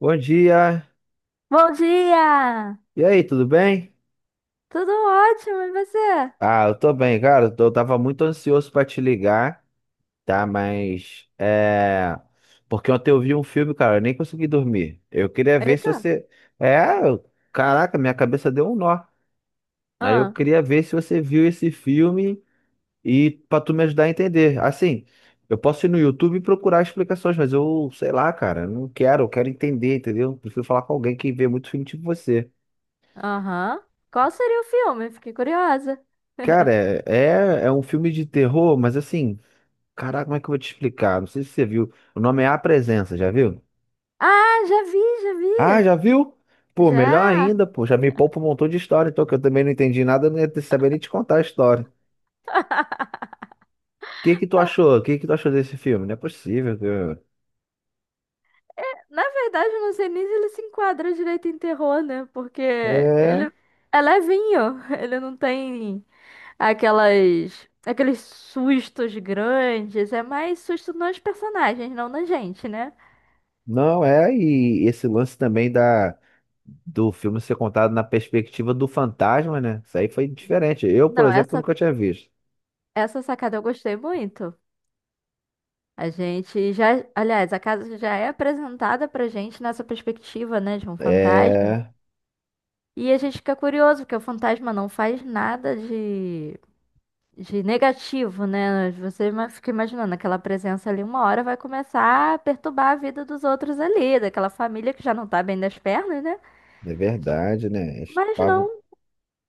Bom dia. Bom dia! E aí, tudo bem? Tudo ótimo, e você? Ah, eu tô bem, cara. Eu tava muito ansioso pra te ligar, tá? Mas é porque ontem eu vi um filme, cara, eu nem consegui dormir. Eu queria ver se Eita! você... É, eu- Caraca, minha cabeça deu um nó. Aí eu Ah, queria ver se você viu esse filme e pra tu me ajudar a entender. Assim, eu posso ir no YouTube e procurar explicações, mas eu, sei lá, cara, eu não quero, eu quero entender, entendeu? Prefiro falar com alguém que vê muito filme tipo você. aham. Qual seria o filme? Fiquei curiosa. Cara, é um filme de terror, mas assim, caraca, como é que eu vou te explicar? Não sei se você viu. O nome é A Presença, já viu? Ah, já vi, já Ah, vi! já viu? Pô, melhor Já! ainda, pô, já me poupa um montão de história, então que eu também não entendi nada, eu saber nem te contar a história. O que que tu achou? O que que tu achou desse filme? Não é possível, cara. Na verdade, eu não sei nem se ele se enquadra direito em terror, né? Porque É, ele é levinho, ele não tem aqueles sustos grandes, é mais susto nos personagens, não na gente, né? não é, e esse lance também da do filme ser contado na perspectiva do fantasma, né? Isso aí foi diferente. Eu, por Não, exemplo, nunca tinha visto. essa sacada eu gostei muito. A gente já, aliás, a casa já é apresentada pra gente nessa perspectiva, né, de um fantasma. É, E a gente fica curioso, porque o fantasma não faz nada de negativo, né? Fica imaginando aquela presença ali, uma hora vai começar a perturbar a vida dos outros ali, daquela família que já não tá bem das pernas, né? é verdade, né? Mas não.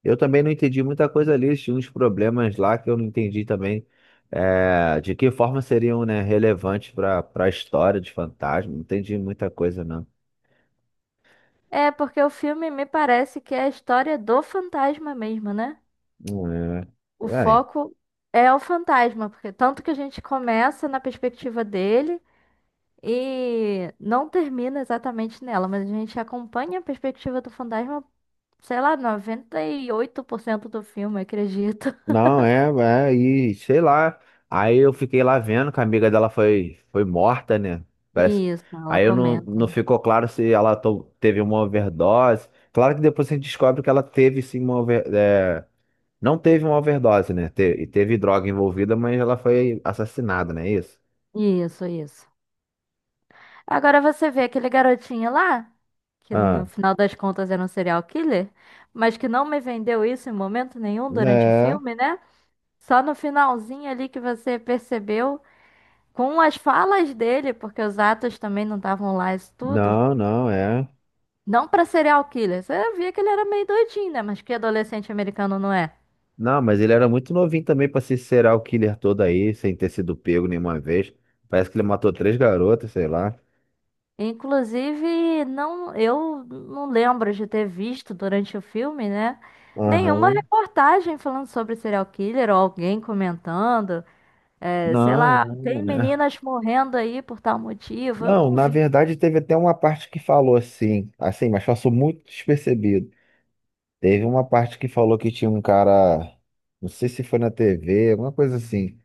Eu também não entendi muita coisa ali, tinha uns problemas lá que eu não entendi também, é, de que forma seriam, né, relevantes para a história de Fantasma. Não entendi muita coisa, não. É porque o filme me parece que é a história do fantasma mesmo, né? Não O é. É. foco é o fantasma, porque tanto que a gente começa na perspectiva dele. E não termina exatamente nela, mas a gente acompanha a perspectiva do fantasma, sei lá, 98% do filme, acredito. Não, é, é, e sei lá. Aí eu fiquei lá vendo que a amiga dela foi morta, né? Parece. Isso, ela Aí eu não, comenta. não ficou claro se teve uma overdose. Claro que depois a gente descobre que ela teve sim uma overdose. Não teve uma overdose, né? E teve droga envolvida, mas ela foi assassinada, não é isso? Isso, isso. Agora você vê aquele garotinho lá, que no Ah, final das contas era um serial killer, mas que não me vendeu isso em momento nenhum durante o é. filme, né? Só no finalzinho ali que você percebeu, com as falas dele, porque os atos também não estavam lá, isso tudo. Não, não, é. Não pra serial killer. Você via que ele era meio doidinho, né? Mas que adolescente americano não é? Não, mas ele era muito novinho também pra ser serial killer todo aí, sem ter sido pego nenhuma vez. Parece que ele matou três garotas, sei lá. Inclusive, não, eu não lembro de ter visto durante o filme, né? Nenhuma Aham. reportagem falando sobre serial killer ou alguém comentando. É, sei Não, lá, é, tem né? meninas morrendo aí por tal motivo. Eu Não, não na vi. verdade teve até uma parte que falou assim, assim, mas passou muito despercebido. Teve uma parte que falou que tinha um cara, não sei se foi na TV, alguma coisa assim,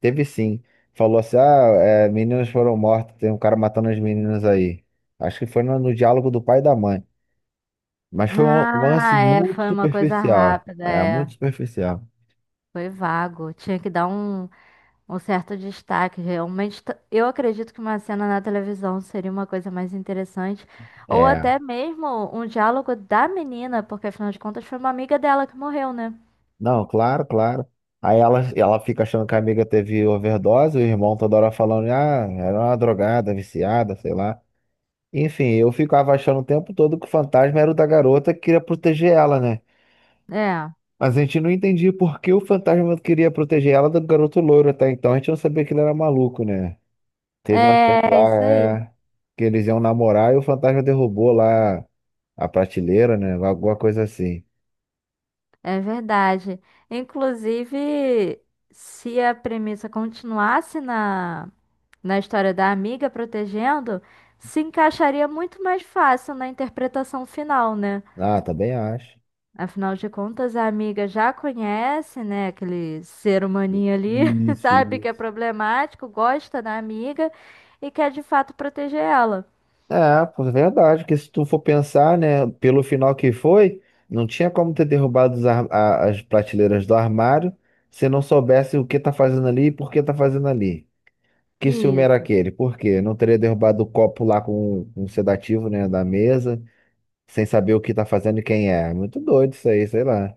teve sim. Falou assim: ah, é, meninas foram mortas, tem um cara matando as meninas aí. Acho que foi no diálogo do pai e da mãe. Mas foi um lance Ah, é, muito foi uma coisa superficial. rápida, É, muito é. superficial. Foi vago. Tinha que dar um, Um certo destaque, realmente. Eu acredito que uma cena na televisão seria uma coisa mais interessante. Ou É. até mesmo um diálogo da menina, porque afinal de contas foi uma amiga dela que morreu, né? Não, claro, claro. Aí ela fica achando que a amiga teve overdose, o irmão toda hora falando, ah, era uma drogada, viciada, sei lá. Enfim, eu ficava achando o tempo todo que o fantasma era o da garota que queria proteger ela, né? É, Mas a gente não entendia por que o fantasma queria proteger ela do garoto louro até então. A gente não sabia que ele era maluco, né? Teve uma vez lá, é isso aí. é, que eles iam namorar e o fantasma derrubou lá a prateleira, né? Alguma coisa assim. É verdade. Inclusive, se a premissa continuasse na história da amiga protegendo, se encaixaria muito mais fácil na interpretação final, né? Ah, também acho. Afinal de contas, a amiga já conhece, né, aquele ser humaninho ali, Isso, sabe que é isso. problemático, gosta da amiga e quer de fato proteger ela. É, pô, é verdade, porque se tu for pensar, né, pelo final que foi, não tinha como ter derrubado as prateleiras do armário se não soubesse o que tá fazendo ali e por que tá fazendo ali. Que ciúme era Isso, aquele? Por quê? Não teria derrubado o copo lá com um sedativo, né, da mesa, sem saber o que tá fazendo e quem é. Muito doido isso aí, sei lá.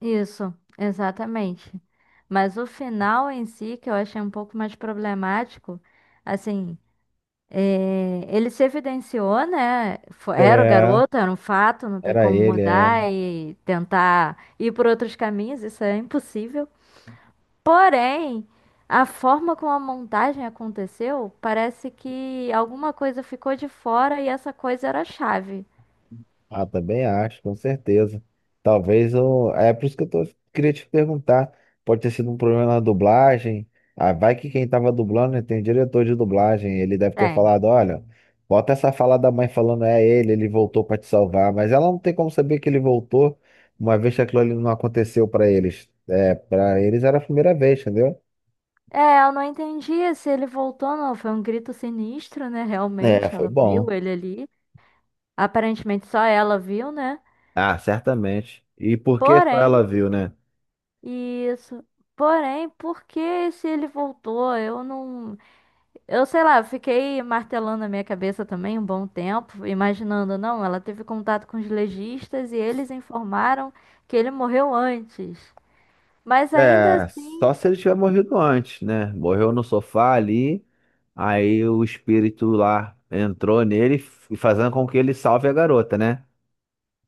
isso, exatamente. Mas o final em si, que eu achei um pouco mais problemático, assim, é, ele se evidenciou, né? Era o É. garoto, era um fato, não tem Era como ele, é. mudar e tentar ir por outros caminhos, isso é impossível. Porém, a forma como a montagem aconteceu, parece que alguma coisa ficou de fora e essa coisa era a chave. Ah, também acho, com certeza. Talvez eu... É por isso que eu tô... queria te perguntar. Pode ter sido um problema na dublagem. Ah, vai que quem tava dublando, né, tem um diretor de dublagem. Ele deve ter Tem. falado: olha, bota essa fala da mãe falando, é ele, ele voltou pra te salvar. Mas ela não tem como saber que ele voltou, uma vez que aquilo ali não aconteceu pra eles. É, para eles era a primeira vez, entendeu? É, eu não entendi se ele voltou ou não. Foi um grito sinistro, né? É, Realmente, foi ela viu bom. ele ali. Aparentemente só ela viu, né? Ah, certamente. E por que só ela Porém, viu, né? isso. Porém, por que se ele voltou? Eu não. Eu sei lá, fiquei martelando a minha cabeça também um bom tempo, imaginando, não, ela teve contato com os legistas e eles informaram que ele morreu antes. Mas ainda É, só assim, se ele tiver morrido antes, né? Morreu no sofá ali, aí o espírito lá entrou nele, fazendo com que ele salve a garota, né?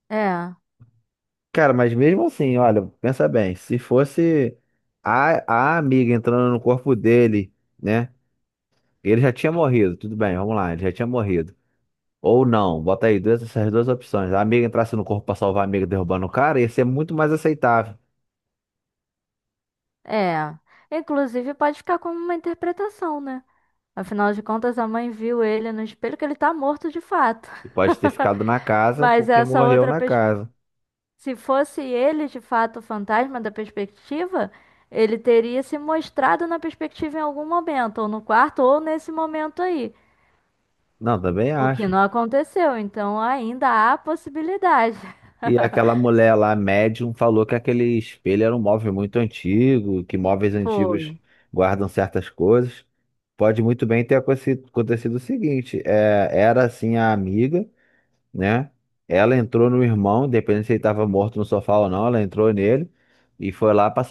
é, Cara, mas mesmo assim, olha, pensa bem, se fosse a amiga entrando no corpo dele, né? Ele já tinha morrido, tudo bem, vamos lá, ele já tinha morrido. Ou não, bota aí duas, essas duas opções. A amiga entrasse no corpo pra salvar a amiga derrubando o cara, ia ser muito mais aceitável. é. Inclusive pode ficar como uma interpretação, né? Afinal de contas, a mãe viu ele no espelho que ele tá morto de fato. E pode ter ficado na casa Mas porque essa morreu outra na pers... casa. se fosse ele de fato o fantasma da perspectiva, ele teria se mostrado na perspectiva em algum momento, ou no quarto, ou nesse momento aí. Não, também O que acho. não aconteceu, então ainda há possibilidade. E aquela mulher lá, médium, falou que aquele espelho era um móvel muito antigo, que móveis antigos Foi, guardam certas coisas. Pode muito bem ter acontecido o seguinte: é, era assim a amiga, né? Ela entrou no irmão, independente se ele estava morto no sofá ou não, ela entrou nele e foi lá para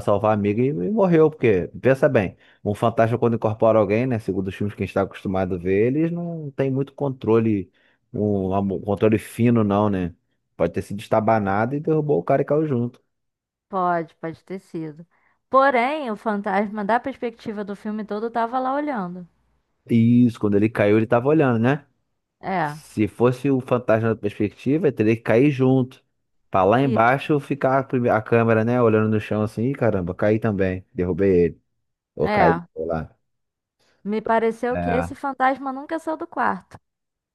salvar a amiga e morreu, porque, pensa bem, um fantasma quando incorpora alguém, né? Segundo os filmes que a gente está acostumado a ver, eles não têm muito controle, um controle fino, não, né? Pode ter sido estabanado e derrubou o cara e caiu junto. Pode ter sido. Porém, o fantasma da perspectiva do filme todo tava lá olhando. E isso, quando ele caiu, ele tava olhando, né? É, Se fosse o fantasma da perspectiva, eu teria que cair junto. Pra lá e embaixo ficar a câmera, né? Olhando no chão assim: "Ih, caramba, caí também. Derrubei ele. Ou caí, É. sei lá." Me pareceu que É. esse fantasma nunca saiu do quarto.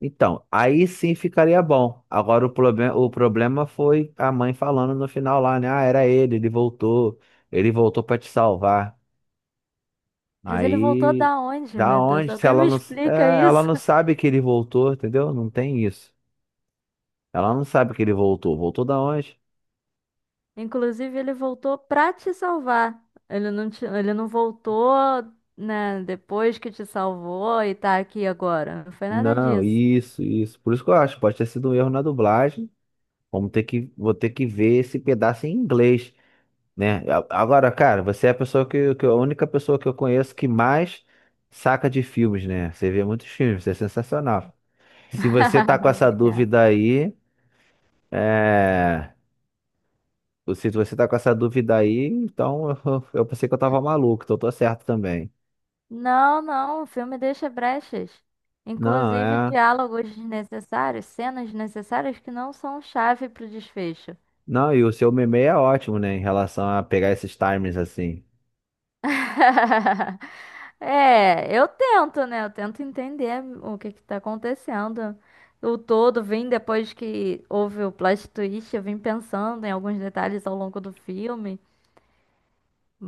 Então, aí sim ficaria bom. Agora o problema foi a mãe falando no final lá, né? Ah, era ele, ele voltou. Ele voltou pra te salvar. Mas ele voltou Aí, da onde, da meu Deus? onde? Se Alguém ela me não, explica é, ela isso? não sabe que ele voltou, entendeu? Não tem isso. Ela não sabe que ele voltou. Voltou da onde? Inclusive, ele voltou pra te salvar. Ele não voltou, né, depois que te salvou e tá aqui agora. Não foi nada Não, disso. isso, isso. Por isso que eu acho, pode ter sido um erro na dublagem. Vamos ter que, vou ter que ver esse pedaço em inglês, né? Agora, cara, você é a pessoa que a única pessoa que eu conheço que mais saca de filmes, né? Você vê muitos filmes, isso é sensacional. Se você tá com essa Obrigada. dúvida aí, é... se você tá com essa dúvida aí, então eu pensei que eu tava maluco, então eu tô certo também. Não, não, o filme deixa brechas. Não, Inclusive é. diálogos desnecessários, cenas desnecessárias que não são chave para o desfecho. Não, e o seu meme é ótimo, né? Em relação a pegar esses timers assim. É, eu tento, né? Eu tento entender o que que tá acontecendo. O todo vim depois que houve o plot twist, eu vim pensando em alguns detalhes ao longo do filme.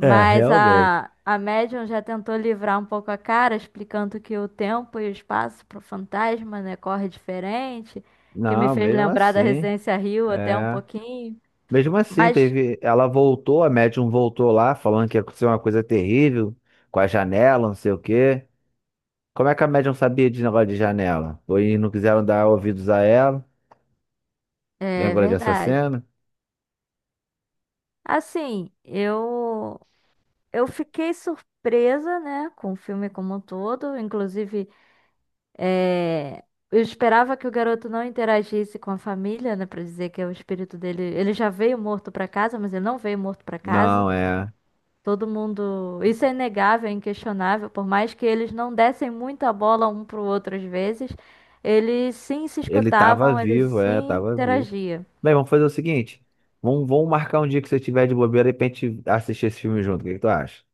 É, realmente. A médium já tentou livrar um pouco a cara, explicando que o tempo e o espaço para o fantasma, né, corre diferente, que me Não, fez mesmo lembrar da assim, Residência Rio até um é. pouquinho. Mesmo assim, Mas teve. Ela voltou, a médium voltou lá, falando que ia acontecer uma coisa terrível com a janela, não sei o quê. Como é que a médium sabia de negócio de janela? Foi, não quiseram dar ouvidos a ela. é Lembra dessa verdade. cena? Assim, eu fiquei surpresa, né, com o filme como um todo. Inclusive, é, eu esperava que o garoto não interagisse com a família, né, para dizer que é o espírito dele. Ele já veio morto para casa, mas ele não veio morto para casa. Não, é. Todo mundo. Isso é inegável, é inquestionável. Por mais que eles não dessem muita bola um pro outro às vezes, eles sim se Ele tava escutavam, eles vivo, é, sim tava vivo. interagiam. Bem, vamos fazer o seguinte. Vamos marcar um dia que você estiver de bobeira e pra gente assistir esse filme junto. O que que tu acha?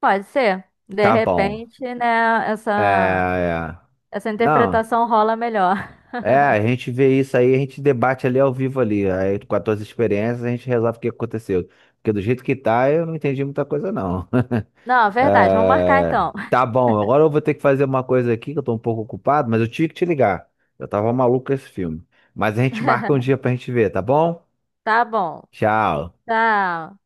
Pode ser. De Tá bom. repente, né, É, é. essa Não. interpretação rola melhor. É, a gente vê isso aí, a gente debate ali ao vivo ali. Aí com as tuas experiências a gente resolve o que aconteceu. Porque do jeito que tá, eu não entendi muita coisa, não. Não, verdade. Vamos marcar É, então. tá bom, agora eu vou ter que fazer uma coisa aqui que eu tô um pouco ocupado, mas eu tive que te ligar. Eu tava maluco com esse filme. Mas a gente marca um dia pra gente ver, tá bom? Tá bom. Tchau. Tchau.